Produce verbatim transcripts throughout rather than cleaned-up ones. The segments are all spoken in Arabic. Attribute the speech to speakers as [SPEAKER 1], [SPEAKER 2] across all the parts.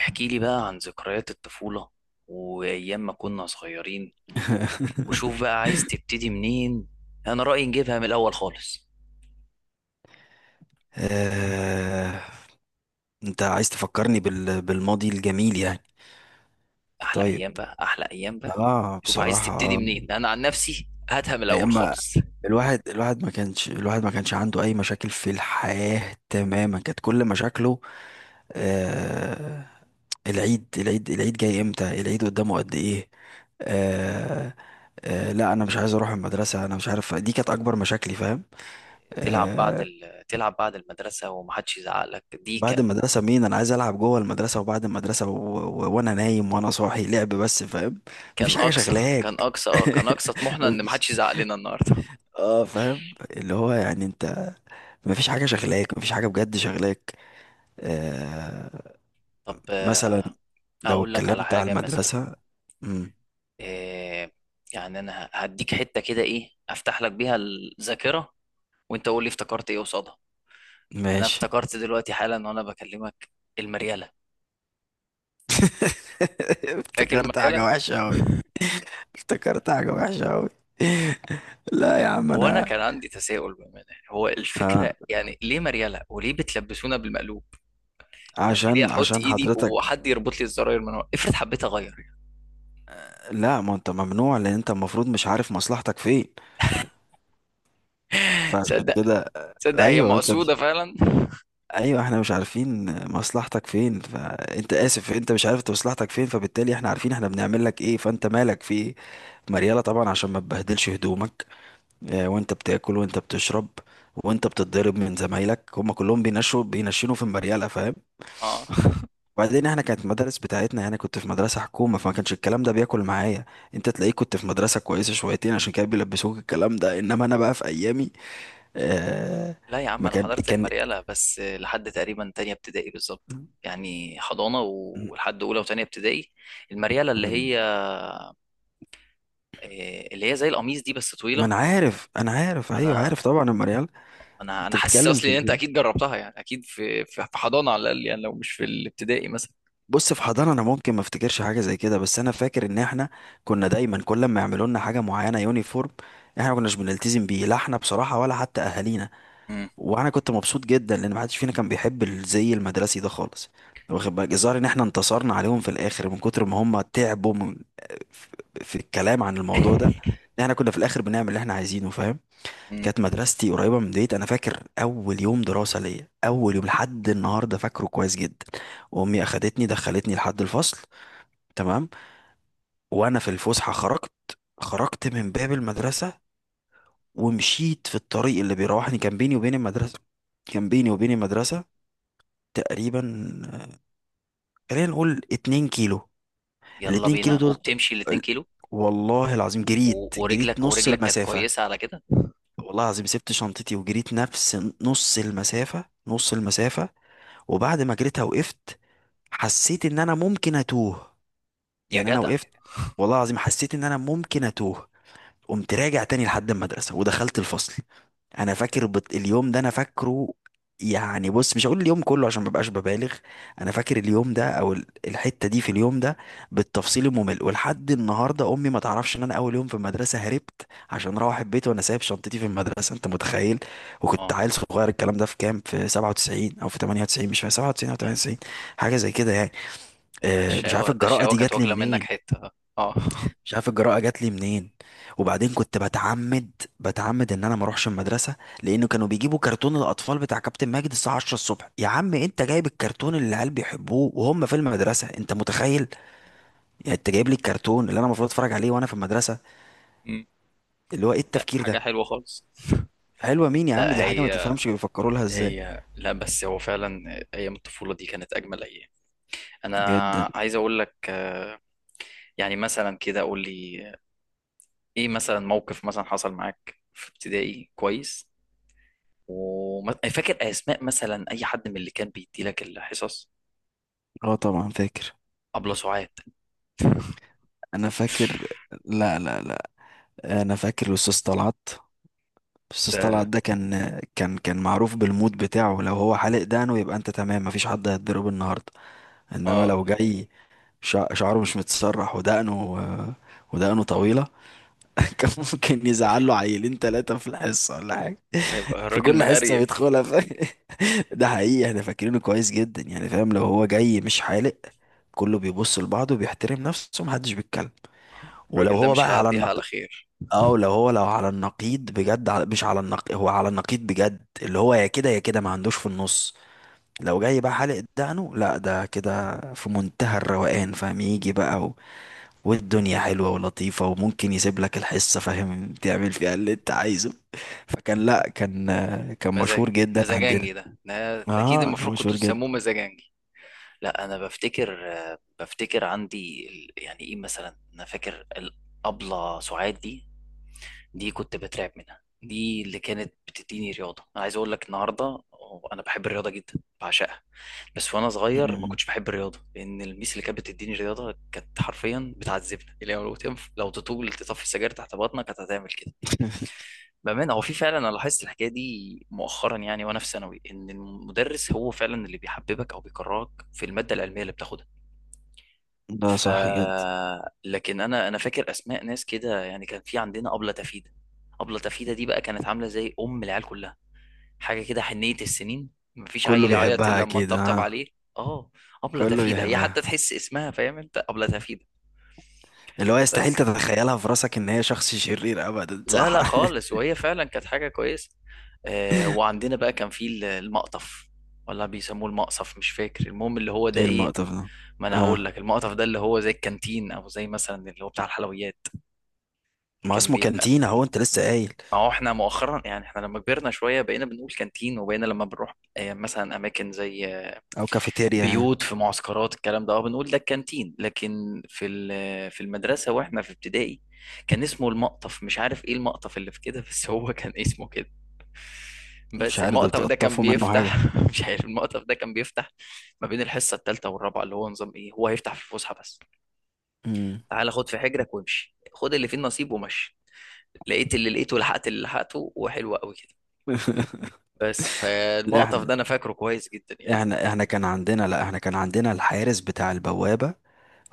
[SPEAKER 1] احكي لي بقى عن ذكريات الطفولة وأيام ما كنا صغيرين، وشوف بقى عايز تبتدي منين. أنا رأيي نجيبها من الأول خالص.
[SPEAKER 2] آه... انت عايز تفكرني بال... بالماضي الجميل يعني.
[SPEAKER 1] أحلى
[SPEAKER 2] طيب،
[SPEAKER 1] أيام بقى، أحلى أيام بقى.
[SPEAKER 2] اه
[SPEAKER 1] شوف عايز
[SPEAKER 2] بصراحة
[SPEAKER 1] تبتدي
[SPEAKER 2] آه.
[SPEAKER 1] منين، أنا عن نفسي هاتها من
[SPEAKER 2] ايام
[SPEAKER 1] الأول
[SPEAKER 2] ما
[SPEAKER 1] خالص.
[SPEAKER 2] الواحد الواحد ما كانش الواحد ما كانش عنده اي مشاكل في الحياة تماما. كانت كل مشاكله آه... العيد، العيد العيد جاي امتى، العيد قدامه قد ايه. آه... آه... لا انا مش عايز اروح المدرسة، انا مش عارف، دي كانت اكبر مشاكلي فاهم.
[SPEAKER 1] تلعب بعد
[SPEAKER 2] آه،
[SPEAKER 1] ال... تلعب بعد المدرسة ومحدش يزعق لك، دي
[SPEAKER 2] بعد
[SPEAKER 1] كان
[SPEAKER 2] المدرسة مين؟ أنا عايز ألعب جوه المدرسة وبعد المدرسة و... و... وأنا نايم وأنا صاحي لعب بس فاهم.
[SPEAKER 1] كان
[SPEAKER 2] مفيش حاجة
[SPEAKER 1] أقصى كان
[SPEAKER 2] شغلاك.
[SPEAKER 1] أقصى آه، كان أقصى طموحنا إن
[SPEAKER 2] مفيش.
[SPEAKER 1] محدش يزعق لنا النهاردة.
[SPEAKER 2] اه فاهم، اللي هو يعني أنت مفيش حاجة شغلاك، مفيش حاجة بجد شغلاك. آه...
[SPEAKER 1] طب آه،
[SPEAKER 2] مثلا لو
[SPEAKER 1] أقول لك على
[SPEAKER 2] اتكلمت على
[SPEAKER 1] حاجة مثلا.
[SPEAKER 2] المدرسة. مم.
[SPEAKER 1] آه، يعني أنا هديك حتة كده إيه أفتح لك بيها الذاكرة، وانت قول لي افتكرت ايه قصادها. انا
[SPEAKER 2] ماشي.
[SPEAKER 1] افتكرت دلوقتي حالا وانا بكلمك، المريالة. فاكر
[SPEAKER 2] افتكرت حاجة
[SPEAKER 1] المريالة؟
[SPEAKER 2] وحشة أوي، افتكرت حاجة وحشة أوي لا يا عم
[SPEAKER 1] هو انا
[SPEAKER 2] أنا
[SPEAKER 1] كان عندي تساؤل بامانه، يعني هو
[SPEAKER 2] آه.
[SPEAKER 1] الفكره يعني ليه مريالة وليه بتلبسونا بالمقلوب؟ يعني ليه
[SPEAKER 2] عشان
[SPEAKER 1] احط
[SPEAKER 2] عشان
[SPEAKER 1] ايدي
[SPEAKER 2] حضرتك،
[SPEAKER 1] وحد يربط لي الزراير من ورا؟ افرض حبيت اغير يعني.
[SPEAKER 2] لا، ما انت ممنوع لان انت المفروض مش عارف مصلحتك فين، فعشان
[SPEAKER 1] تصدق،
[SPEAKER 2] كده.
[SPEAKER 1] تصدق هي
[SPEAKER 2] ايوه انت مش
[SPEAKER 1] مقصوده فعلا؟
[SPEAKER 2] ايوه احنا مش عارفين مصلحتك فين، فانت اسف انت مش عارف انت مصلحتك فين، فبالتالي احنا عارفين احنا بنعمل لك ايه، فانت مالك في ايه. مريالة طبعا عشان ما تبهدلش هدومك، آه، وانت بتاكل وانت بتشرب وانت بتتضرب من زمايلك، هم كلهم بينشوا بينشنوا في المريالة فاهم.
[SPEAKER 1] اه.
[SPEAKER 2] وبعدين احنا كانت المدارس بتاعتنا، انا كنت في مدرسة حكومة، فما كانش الكلام ده بياكل معايا. انت تلاقيك كنت في مدرسة كويسة شويتين عشان كده بيلبسوك الكلام ده، انما انا بقى في ايامي آه.
[SPEAKER 1] لا يا عم
[SPEAKER 2] ما
[SPEAKER 1] انا
[SPEAKER 2] كان
[SPEAKER 1] حضرت
[SPEAKER 2] كان
[SPEAKER 1] المريالة بس لحد تقريبا تانية ابتدائي بالظبط، يعني حضانة ولحد أولى وتانية ابتدائي. المريالة اللي هي آه، اللي هي زي القميص دي بس
[SPEAKER 2] ما
[SPEAKER 1] طويلة.
[SPEAKER 2] انا عارف، انا عارف، ايوه
[SPEAKER 1] أنا
[SPEAKER 2] عارف طبعا يا مريال.
[SPEAKER 1] انا انا
[SPEAKER 2] انت
[SPEAKER 1] حاسس
[SPEAKER 2] بتتكلم في
[SPEAKER 1] اصلي ان انت
[SPEAKER 2] ال-
[SPEAKER 1] اكيد جربتها، يعني اكيد في في في حضانه على الاقل، يعني لو مش في الابتدائي مثلا.
[SPEAKER 2] بص، في حضانة انا ممكن ما افتكرش حاجة زي كده، بس انا فاكر ان احنا كنا دايما كل ما يعملوا لنا حاجة معينة، يونيفورم، احنا ما كناش بنلتزم بيه، لا احنا بصراحة ولا حتى اهالينا.
[SPEAKER 1] مم.
[SPEAKER 2] وانا كنت مبسوط جدا لان محدش فينا كان بيحب الزي المدرسي ده خالص. واخد بالك، الظاهر ان احنا انتصرنا عليهم في الاخر من كتر ما هم تعبوا من في الكلام عن الموضوع ده، إن احنا كنا في الاخر بنعمل اللي احنا عايزينه فاهم.
[SPEAKER 1] مم.
[SPEAKER 2] كانت مدرستي قريبه من ديت، انا فاكر اول يوم دراسه ليا، اول يوم لحد النهارده فاكره كويس جدا. وامي اخدتني دخلتني لحد الفصل، تمام، وانا في الفسحه خرجت، خرجت من باب المدرسه ومشيت في الطريق اللي بيروحني. كان بيني وبين المدرسه كان بيني وبين المدرسه تقريبا، خلينا نقول اتنين كيلو.
[SPEAKER 1] يلا
[SPEAKER 2] الاتنين كيلو
[SPEAKER 1] بينا
[SPEAKER 2] دول
[SPEAKER 1] وبتمشي الاتنين
[SPEAKER 2] ال-
[SPEAKER 1] كيلو
[SPEAKER 2] والله العظيم جريت
[SPEAKER 1] و-
[SPEAKER 2] جريت
[SPEAKER 1] ورجلك
[SPEAKER 2] نص
[SPEAKER 1] ورجلك كانت
[SPEAKER 2] المسافة.
[SPEAKER 1] كويسه على كده؟
[SPEAKER 2] والله العظيم سبت شنطتي وجريت نفس نص المسافة، نص المسافة وبعد ما جريتها وقفت. حسيت ان انا ممكن اتوه.
[SPEAKER 1] يا
[SPEAKER 2] يعني انا
[SPEAKER 1] جدع.
[SPEAKER 2] وقفت، والله العظيم حسيت ان انا ممكن اتوه. قمت راجع تاني لحد المدرسة ودخلت الفصل. انا فاكر بت... اليوم ده، انا فاكره. يعني بص، مش هقول اليوم كله عشان مبقاش ببالغ، انا فاكر اليوم ده او ال- الحتة دي في اليوم ده بالتفصيل الممل. ولحد النهاردة امي ما تعرفش ان انا اول يوم في المدرسة هربت عشان اروح البيت وانا سايب شنطتي في المدرسة انت متخيل. وكنت
[SPEAKER 1] اه،
[SPEAKER 2] عيل صغير، الكلام ده في كام، في سبعة وتسعين او في تمانية وتسعين، مش فاكر 97 او
[SPEAKER 1] تمام.
[SPEAKER 2] 98 حاجة زي كده يعني.
[SPEAKER 1] ده
[SPEAKER 2] أه مش عارف
[SPEAKER 1] الشقاوه، ده
[SPEAKER 2] الجراءة
[SPEAKER 1] الشقاوه
[SPEAKER 2] دي
[SPEAKER 1] كانت
[SPEAKER 2] جات لي
[SPEAKER 1] واكله منك
[SPEAKER 2] منين،
[SPEAKER 1] حته. اه.
[SPEAKER 2] مش عارف الجراءه جات لي منين وبعدين كنت بتعمد بتعمد ان انا ما اروحش المدرسه، لانه كانوا بيجيبوا كرتون الاطفال بتاع كابتن ماجد الساعه عشرة الصبح. يا عم انت جايب الكرتون اللي العيال بيحبوه وهم في المدرسه، انت متخيل؟ يعني انت جايب لي الكرتون اللي انا المفروض اتفرج عليه وانا في المدرسه.
[SPEAKER 1] مم.
[SPEAKER 2] اللي هو ايه
[SPEAKER 1] لا،
[SPEAKER 2] التفكير
[SPEAKER 1] حاجه
[SPEAKER 2] ده.
[SPEAKER 1] حلوه خالص.
[SPEAKER 2] حلوه مين يا عم،
[SPEAKER 1] لا
[SPEAKER 2] دي حاجه ما
[SPEAKER 1] هي،
[SPEAKER 2] تفهمش بيفكروا لها ازاي.
[SPEAKER 1] هي لا بس هو فعلا ايام الطفوله دي كانت اجمل ايام. انا
[SPEAKER 2] جدا.
[SPEAKER 1] عايز اقول لك آه، يعني مثلا كده قول لي ايه مثلا موقف مثلا حصل معاك في ابتدائي كويس، وفاكر اسماء مثلا اي حد من اللي كان بيدي لك الحصص؟
[SPEAKER 2] اه طبعا فاكر.
[SPEAKER 1] ابله سعاد؟
[SPEAKER 2] انا فاكر، لا لا لا، انا فاكر الاستاذ طلعت. بس طلعت
[SPEAKER 1] ده
[SPEAKER 2] ده كان، كان كان معروف بالمود بتاعه، لو هو حالق دقنه يبقى انت تمام مفيش حد هيتضرب النهارده. انما
[SPEAKER 1] اه،
[SPEAKER 2] لو جاي شع- شعره مش متسرح ودقنه، ودقنه طويله، كان ممكن
[SPEAKER 1] يبقى
[SPEAKER 2] يزعل له
[SPEAKER 1] فيه.
[SPEAKER 2] عيلين ثلاثه في الحصه ولا حاجه،
[SPEAKER 1] اه يبقى
[SPEAKER 2] في
[SPEAKER 1] الراجل
[SPEAKER 2] كل حصه
[SPEAKER 1] مقريف.
[SPEAKER 2] بيدخلها ف... ده حقيقي احنا فاكرينه كويس جدا يعني فاهم. لو هو جاي مش حالق كله بيبص لبعضه، بيحترم نفسه محدش بيتكلم.
[SPEAKER 1] آه،
[SPEAKER 2] ولو
[SPEAKER 1] الراجل ده
[SPEAKER 2] هو
[SPEAKER 1] مش
[SPEAKER 2] بقى على
[SPEAKER 1] هيعديها على
[SPEAKER 2] النقيض،
[SPEAKER 1] خير.
[SPEAKER 2] اه لو هو لو على النقيض بجد على مش على النقيض هو على النقيض بجد، اللي هو يا كده يا كده، ما عندوش في النص. لو جاي بقى حالق دقنه، لا ده كده في منتهى الروقان فاهم، يجي بقى و... والدنيا حلوة ولطيفة وممكن يسيب لك الحصة فاهم، تعمل فيها اللي انت عايزه. فكان لا كان كان
[SPEAKER 1] مزاج،
[SPEAKER 2] مشهور جدا عندنا.
[SPEAKER 1] مزاجنجي ده، ده اكيد
[SPEAKER 2] اه كان
[SPEAKER 1] المفروض كنتوا
[SPEAKER 2] مشهور
[SPEAKER 1] تسموه
[SPEAKER 2] جدا.
[SPEAKER 1] مزاجنجي. لا انا بفتكر، آه، بفتكر عندي ال- يعني ايه مثلا. انا فاكر الابله سعاد دي، دي كنت بترعب منها، دي اللي كانت بتديني رياضه. انا عايز اقول لك النهارده، انا بحب الرياضه جدا، بعشقها. بس وانا صغير ما
[SPEAKER 2] مم.
[SPEAKER 1] كنتش بحب الرياضه لان الميس اللي كانت بتديني رياضه كانت حرفيا بتعذبنا. اللي هو لو تنف... لو تطول تطفي السجاير تحت بطنك كانت هتعمل كده. بأمانة هو في فعلا، أنا لاحظت الحكاية دي مؤخرا يعني وأنا في ثانوي، إن المدرس هو فعلا اللي بيحببك أو بيكرهك في المادة العلمية اللي بتاخدها.
[SPEAKER 2] ده
[SPEAKER 1] ف
[SPEAKER 2] صح جدا.
[SPEAKER 1] لكن انا انا فاكر اسماء ناس كده، يعني كان في عندنا ابله تفيده. ابله تفيده دي بقى كانت عامله زي ام العيال كلها، حاجه كده حنيه السنين، مفيش
[SPEAKER 2] كله
[SPEAKER 1] عيل يعيط
[SPEAKER 2] بيحبها
[SPEAKER 1] الا لما
[SPEAKER 2] اكيد
[SPEAKER 1] تطبطب
[SPEAKER 2] اه.
[SPEAKER 1] عليه. اه. ابله
[SPEAKER 2] كله
[SPEAKER 1] تفيده هي
[SPEAKER 2] بيحبها،
[SPEAKER 1] حتى تحس اسمها، فاهم انت؟ ابله تفيده.
[SPEAKER 2] اللي هو يستحيل
[SPEAKER 1] بس
[SPEAKER 2] تتخيلها في راسك ان هي شخص شرير ابدا،
[SPEAKER 1] لا
[SPEAKER 2] صح.
[SPEAKER 1] لا خالص، وهي فعلا كانت حاجه كويسه. آه، وعندنا بقى كان في ال- المقطف، ولا بيسموه المقصف؟ مش فاكر. المهم اللي هو ده
[SPEAKER 2] ايه
[SPEAKER 1] ايه.
[SPEAKER 2] المقطف ده؟
[SPEAKER 1] ما انا هقول
[SPEAKER 2] اه،
[SPEAKER 1] لك، المقطف ده اللي هو زي الكانتين، او زي مثلا اللي هو بتاع الحلويات.
[SPEAKER 2] ما هو
[SPEAKER 1] كان
[SPEAKER 2] اسمه
[SPEAKER 1] بيبقى،
[SPEAKER 2] كانتين اهو، انت لسه قايل،
[SPEAKER 1] ما هو احنا مؤخرا يعني احنا لما كبرنا شوية بقينا بنقول كانتين، وبقينا لما بنروح آه، مثلا أماكن زي آه،
[SPEAKER 2] او كافيتيريا يعني.
[SPEAKER 1] بيوت في معسكرات الكلام ده اه بنقول ده الكانتين. لكن في ال- في المدرسة واحنا في ابتدائي كان اسمه المقطف. مش عارف ايه المقطف اللي في كده، بس هو كان اسمه كده.
[SPEAKER 2] مش
[SPEAKER 1] بس
[SPEAKER 2] عارف، ده
[SPEAKER 1] المقطف ده كان
[SPEAKER 2] بتقطفوا منه حاجه؟
[SPEAKER 1] بيفتح مش عارف المقطف ده كان بيفتح ما بين الحصه التالته والرابعه. اللي هو نظام ايه، هو هيفتح في الفسحة بس.
[SPEAKER 2] امم.
[SPEAKER 1] تعالى خد في حجرك وامشي، خد اللي فيه النصيب ومشي. لقيت اللي لقيته، لحقت اللي لحقته، وحلو قوي كده. بس
[SPEAKER 2] لا
[SPEAKER 1] فالمقطف
[SPEAKER 2] احنا
[SPEAKER 1] ده انا فاكره كويس جدا يعني.
[SPEAKER 2] احنا احنا كان عندنا لا احنا كان عندنا الحارس بتاع البوابه،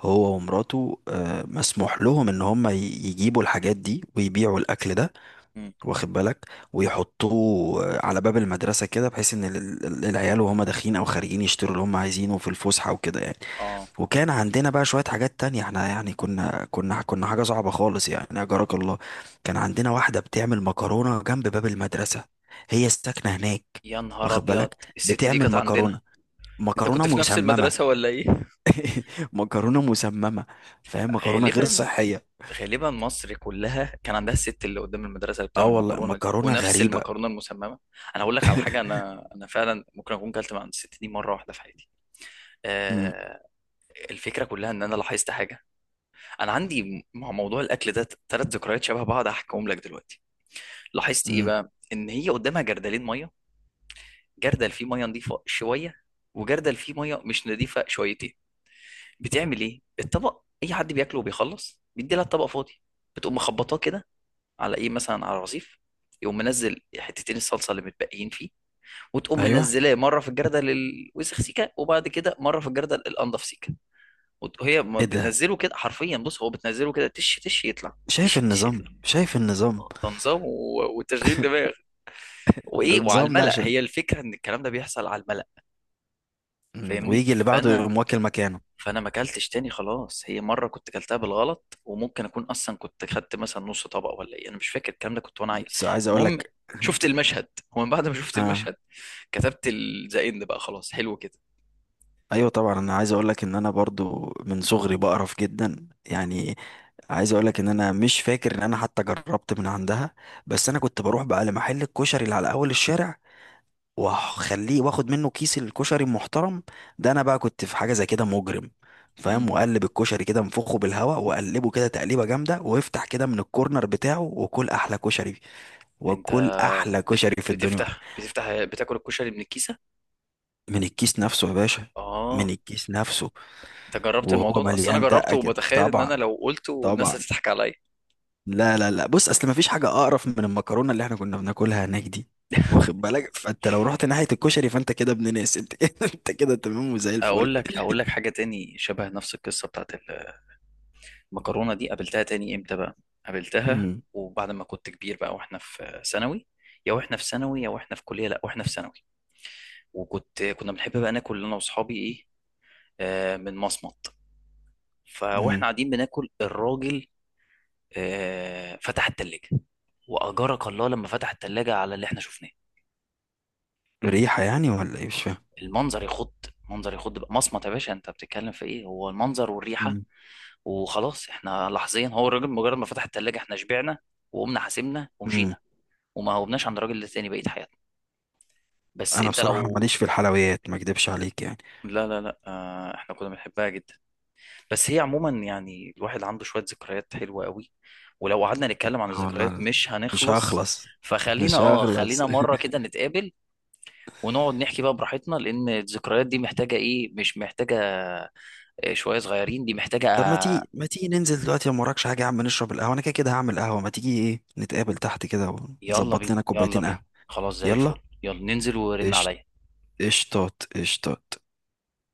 [SPEAKER 2] هو ومراته، آه، مسموح لهم ان هم ي- يجيبوا الحاجات دي ويبيعوا الاكل ده.
[SPEAKER 1] مم.
[SPEAKER 2] واخد بالك، ويحطوه على باب المدرسة كده بحيث ان ال- ال- العيال وهم داخلين او خارجين يشتروا اللي هم عايزينه في الفسحة وكده يعني.
[SPEAKER 1] اه،
[SPEAKER 2] وكان عندنا بقى شوية حاجات تانية، احنا يعني كنا كنا كنا حاجة صعبة خالص يعني أجرك الله. كان عندنا واحدة بتعمل مكرونة جنب باب المدرسة، هي ساكنة هناك،
[SPEAKER 1] يا نهار
[SPEAKER 2] واخد
[SPEAKER 1] ابيض.
[SPEAKER 2] بالك،
[SPEAKER 1] الست دي
[SPEAKER 2] بتعمل
[SPEAKER 1] كانت عندنا؟
[SPEAKER 2] مكرونة،
[SPEAKER 1] انت كنت
[SPEAKER 2] مكرونة
[SPEAKER 1] في نفس
[SPEAKER 2] مسممة.
[SPEAKER 1] المدرسه ولا ايه؟
[SPEAKER 2] مكرونة مسممة، فاهم، مكرونة غير
[SPEAKER 1] غالبا،
[SPEAKER 2] صحية.
[SPEAKER 1] غالبا مصر كلها كان عندها الست اللي قدام المدرسه اللي
[SPEAKER 2] اه
[SPEAKER 1] بتعمل
[SPEAKER 2] والله
[SPEAKER 1] مكرونه دي،
[SPEAKER 2] مكرونة
[SPEAKER 1] ونفس
[SPEAKER 2] غريبة.
[SPEAKER 1] المكرونه المسممه. انا هقول لك على حاجه، انا انا فعلا ممكن اكون كلت من عند الست دي مره واحده في حياتي.
[SPEAKER 2] امم.
[SPEAKER 1] آه. الفكره كلها ان انا لاحظت حاجه. انا عندي مع موضوع الاكل ده تلات ذكريات شبه بعض، هحكيهم لك دلوقتي. لاحظت ايه
[SPEAKER 2] امم.
[SPEAKER 1] بقى؟ ان هي قدامها جردلين ميه: جردل فيه ميه نظيفه شويه، وجردل فيه ميه مش نظيفه شويتين. بتعمل ايه؟ الطبق اي حد بياكله وبيخلص بيدي لها الطبق فاضي، بتقوم مخبطاه كده على ايه مثلا، على الرصيف، يقوم منزل حتتين الصلصه اللي متبقيين فيه، وتقوم
[SPEAKER 2] ايوه.
[SPEAKER 1] منزلاه مره في الجردل الوسخ سيكه، وبعد كده مره في الجردل الانضف سيكه. وت- وهي ما
[SPEAKER 2] ايه ده،
[SPEAKER 1] بتنزله كده حرفيا، بص هو بتنزله كده تش تش يطلع، تش
[SPEAKER 2] شايف
[SPEAKER 1] تش
[SPEAKER 2] النظام،
[SPEAKER 1] يطلع.
[SPEAKER 2] شايف النظام.
[SPEAKER 1] آه، ده نظام و- وتشغيل دماغ.
[SPEAKER 2] ده
[SPEAKER 1] وايه، وعلى
[SPEAKER 2] النظام ده
[SPEAKER 1] الملأ،
[SPEAKER 2] عشان،
[SPEAKER 1] هي الفكره ان الكلام ده بيحصل على الملأ.
[SPEAKER 2] مم،
[SPEAKER 1] فاهمني؟
[SPEAKER 2] ويجي اللي بعده
[SPEAKER 1] فانا
[SPEAKER 2] يقوم واكل مكانه.
[SPEAKER 1] فانا ما اكلتش تاني خلاص. هي مره كنت اكلتها بالغلط، وممكن اكون اصلا كنت خدت مثلا نص طبق ولا ايه، انا مش فاكر الكلام ده، كنت وانا عيل.
[SPEAKER 2] بس عايز اقول
[SPEAKER 1] المهم
[SPEAKER 2] لك.
[SPEAKER 1] شفت المشهد، ومن بعد ما شفت
[SPEAKER 2] آه.
[SPEAKER 1] المشهد كتبت ال- ذا اند بقى، خلاص حلو كده.
[SPEAKER 2] ايوه طبعا انا عايز اقول لك ان انا برضو من صغري بقرف جدا يعني. عايز اقول لك ان انا مش فاكر ان انا حتى جربت من عندها. بس انا كنت بروح بقى لمحل الكشري اللي على اول الشارع، واخليه واخد منه كيس الكشري المحترم. ده انا بقى كنت في حاجه زي كده مجرم، فاهم،
[SPEAKER 1] مم.
[SPEAKER 2] وقلب الكشري كده انفخه بالهواء وقلبه كده تقليبه جامده وافتح كده من الكورنر بتاعه وكل احلى كشري.
[SPEAKER 1] انت
[SPEAKER 2] وكل احلى
[SPEAKER 1] بت-
[SPEAKER 2] كشري في الدنيا.
[SPEAKER 1] بتفتح بتفتح بتاكل الكشري من الكيسه؟
[SPEAKER 2] من الكيس نفسه يا باشا، من
[SPEAKER 1] اه.
[SPEAKER 2] الكيس نفسه.
[SPEAKER 1] انت جربت
[SPEAKER 2] وهو
[SPEAKER 1] الموضوع ده؟ اصل انا
[SPEAKER 2] مليان دقه
[SPEAKER 1] جربته،
[SPEAKER 2] كده
[SPEAKER 1] وبتخيل ان
[SPEAKER 2] طبعا.
[SPEAKER 1] انا لو قلته الناس
[SPEAKER 2] طبعا.
[SPEAKER 1] هتضحك عليا.
[SPEAKER 2] لا لا لا، بص اصل مفيش حاجه اقرف من المكرونه اللي احنا كنا بناكلها هناك دي، واخد بالك، فانت لو رحت ناحيه الكشري فانت كده ابن ناس، انت كده انت كده تمام وزي الفل.
[SPEAKER 1] اقول لك اقول لك حاجه تاني شبه نفس القصه بتاعت المكرونه دي. قابلتها تاني امتى بقى؟ قابلتها
[SPEAKER 2] امم.
[SPEAKER 1] وبعد ما كنت كبير بقى واحنا في ثانوي. يا واحنا في ثانوي يا واحنا في كليه لا واحنا في ثانوي وكنت، كنا بنحب بقى ناكل انا واصحابي ايه، آه من مصمت. فواحنا
[SPEAKER 2] امم.
[SPEAKER 1] قاعدين بناكل، الراجل آه فتح التلاجه، واجرك الله لما فتح التلاجه على اللي احنا شفناه.
[SPEAKER 2] ريحة يعني ولا ايه مش فاهم؟
[SPEAKER 1] المنظر يخض، منظر يخض بقى. مصمت يا باشا، انت بتتكلم في ايه؟ هو المنظر والريحه.
[SPEAKER 2] امم.
[SPEAKER 1] وخلاص احنا لحظيا، هو الراجل مجرد ما فتح التلاجه احنا شبعنا وقمنا حاسبنا
[SPEAKER 2] امم.
[SPEAKER 1] ومشينا، وما هوبناش عند الراجل التاني بقية حياتنا. بس
[SPEAKER 2] انا
[SPEAKER 1] انت
[SPEAKER 2] بصراحة
[SPEAKER 1] لو،
[SPEAKER 2] ماليش في الحلويات ما اكدبش عليك يعني.
[SPEAKER 1] لا لا لا، آه احنا كنا بنحبها جدا. بس هي عموما يعني الواحد عنده شوية ذكريات حلوة قوي، ولو قعدنا نتكلم عن
[SPEAKER 2] اه
[SPEAKER 1] الذكريات
[SPEAKER 2] والله،
[SPEAKER 1] مش
[SPEAKER 2] مش
[SPEAKER 1] هنخلص.
[SPEAKER 2] هخلص
[SPEAKER 1] فخلينا
[SPEAKER 2] مش
[SPEAKER 1] اه،
[SPEAKER 2] هخلص.
[SPEAKER 1] خلينا مرة كده نتقابل ونقعد نحكي بقى براحتنا، لأن الذكريات دي محتاجة ايه، مش محتاجة آه، شوية صغيرين، دي محتاجة
[SPEAKER 2] طب ما
[SPEAKER 1] آه.
[SPEAKER 2] تيجي، ما تيجي ننزل دلوقتي لو مراكش حاجة يا عم نشرب القهوة، انا كده كده هعمل قهوة، ما تيجي ايه نتقابل تحت كده
[SPEAKER 1] يلا
[SPEAKER 2] ونظبط
[SPEAKER 1] بينا،
[SPEAKER 2] لنا
[SPEAKER 1] يلا
[SPEAKER 2] كوبايتين
[SPEAKER 1] بينا.
[SPEAKER 2] قهوة.
[SPEAKER 1] خلاص زي الفل،
[SPEAKER 2] يلا.
[SPEAKER 1] يلا ننزل ورن
[SPEAKER 2] قشط-
[SPEAKER 1] عليا.
[SPEAKER 2] قشطات، قشطات.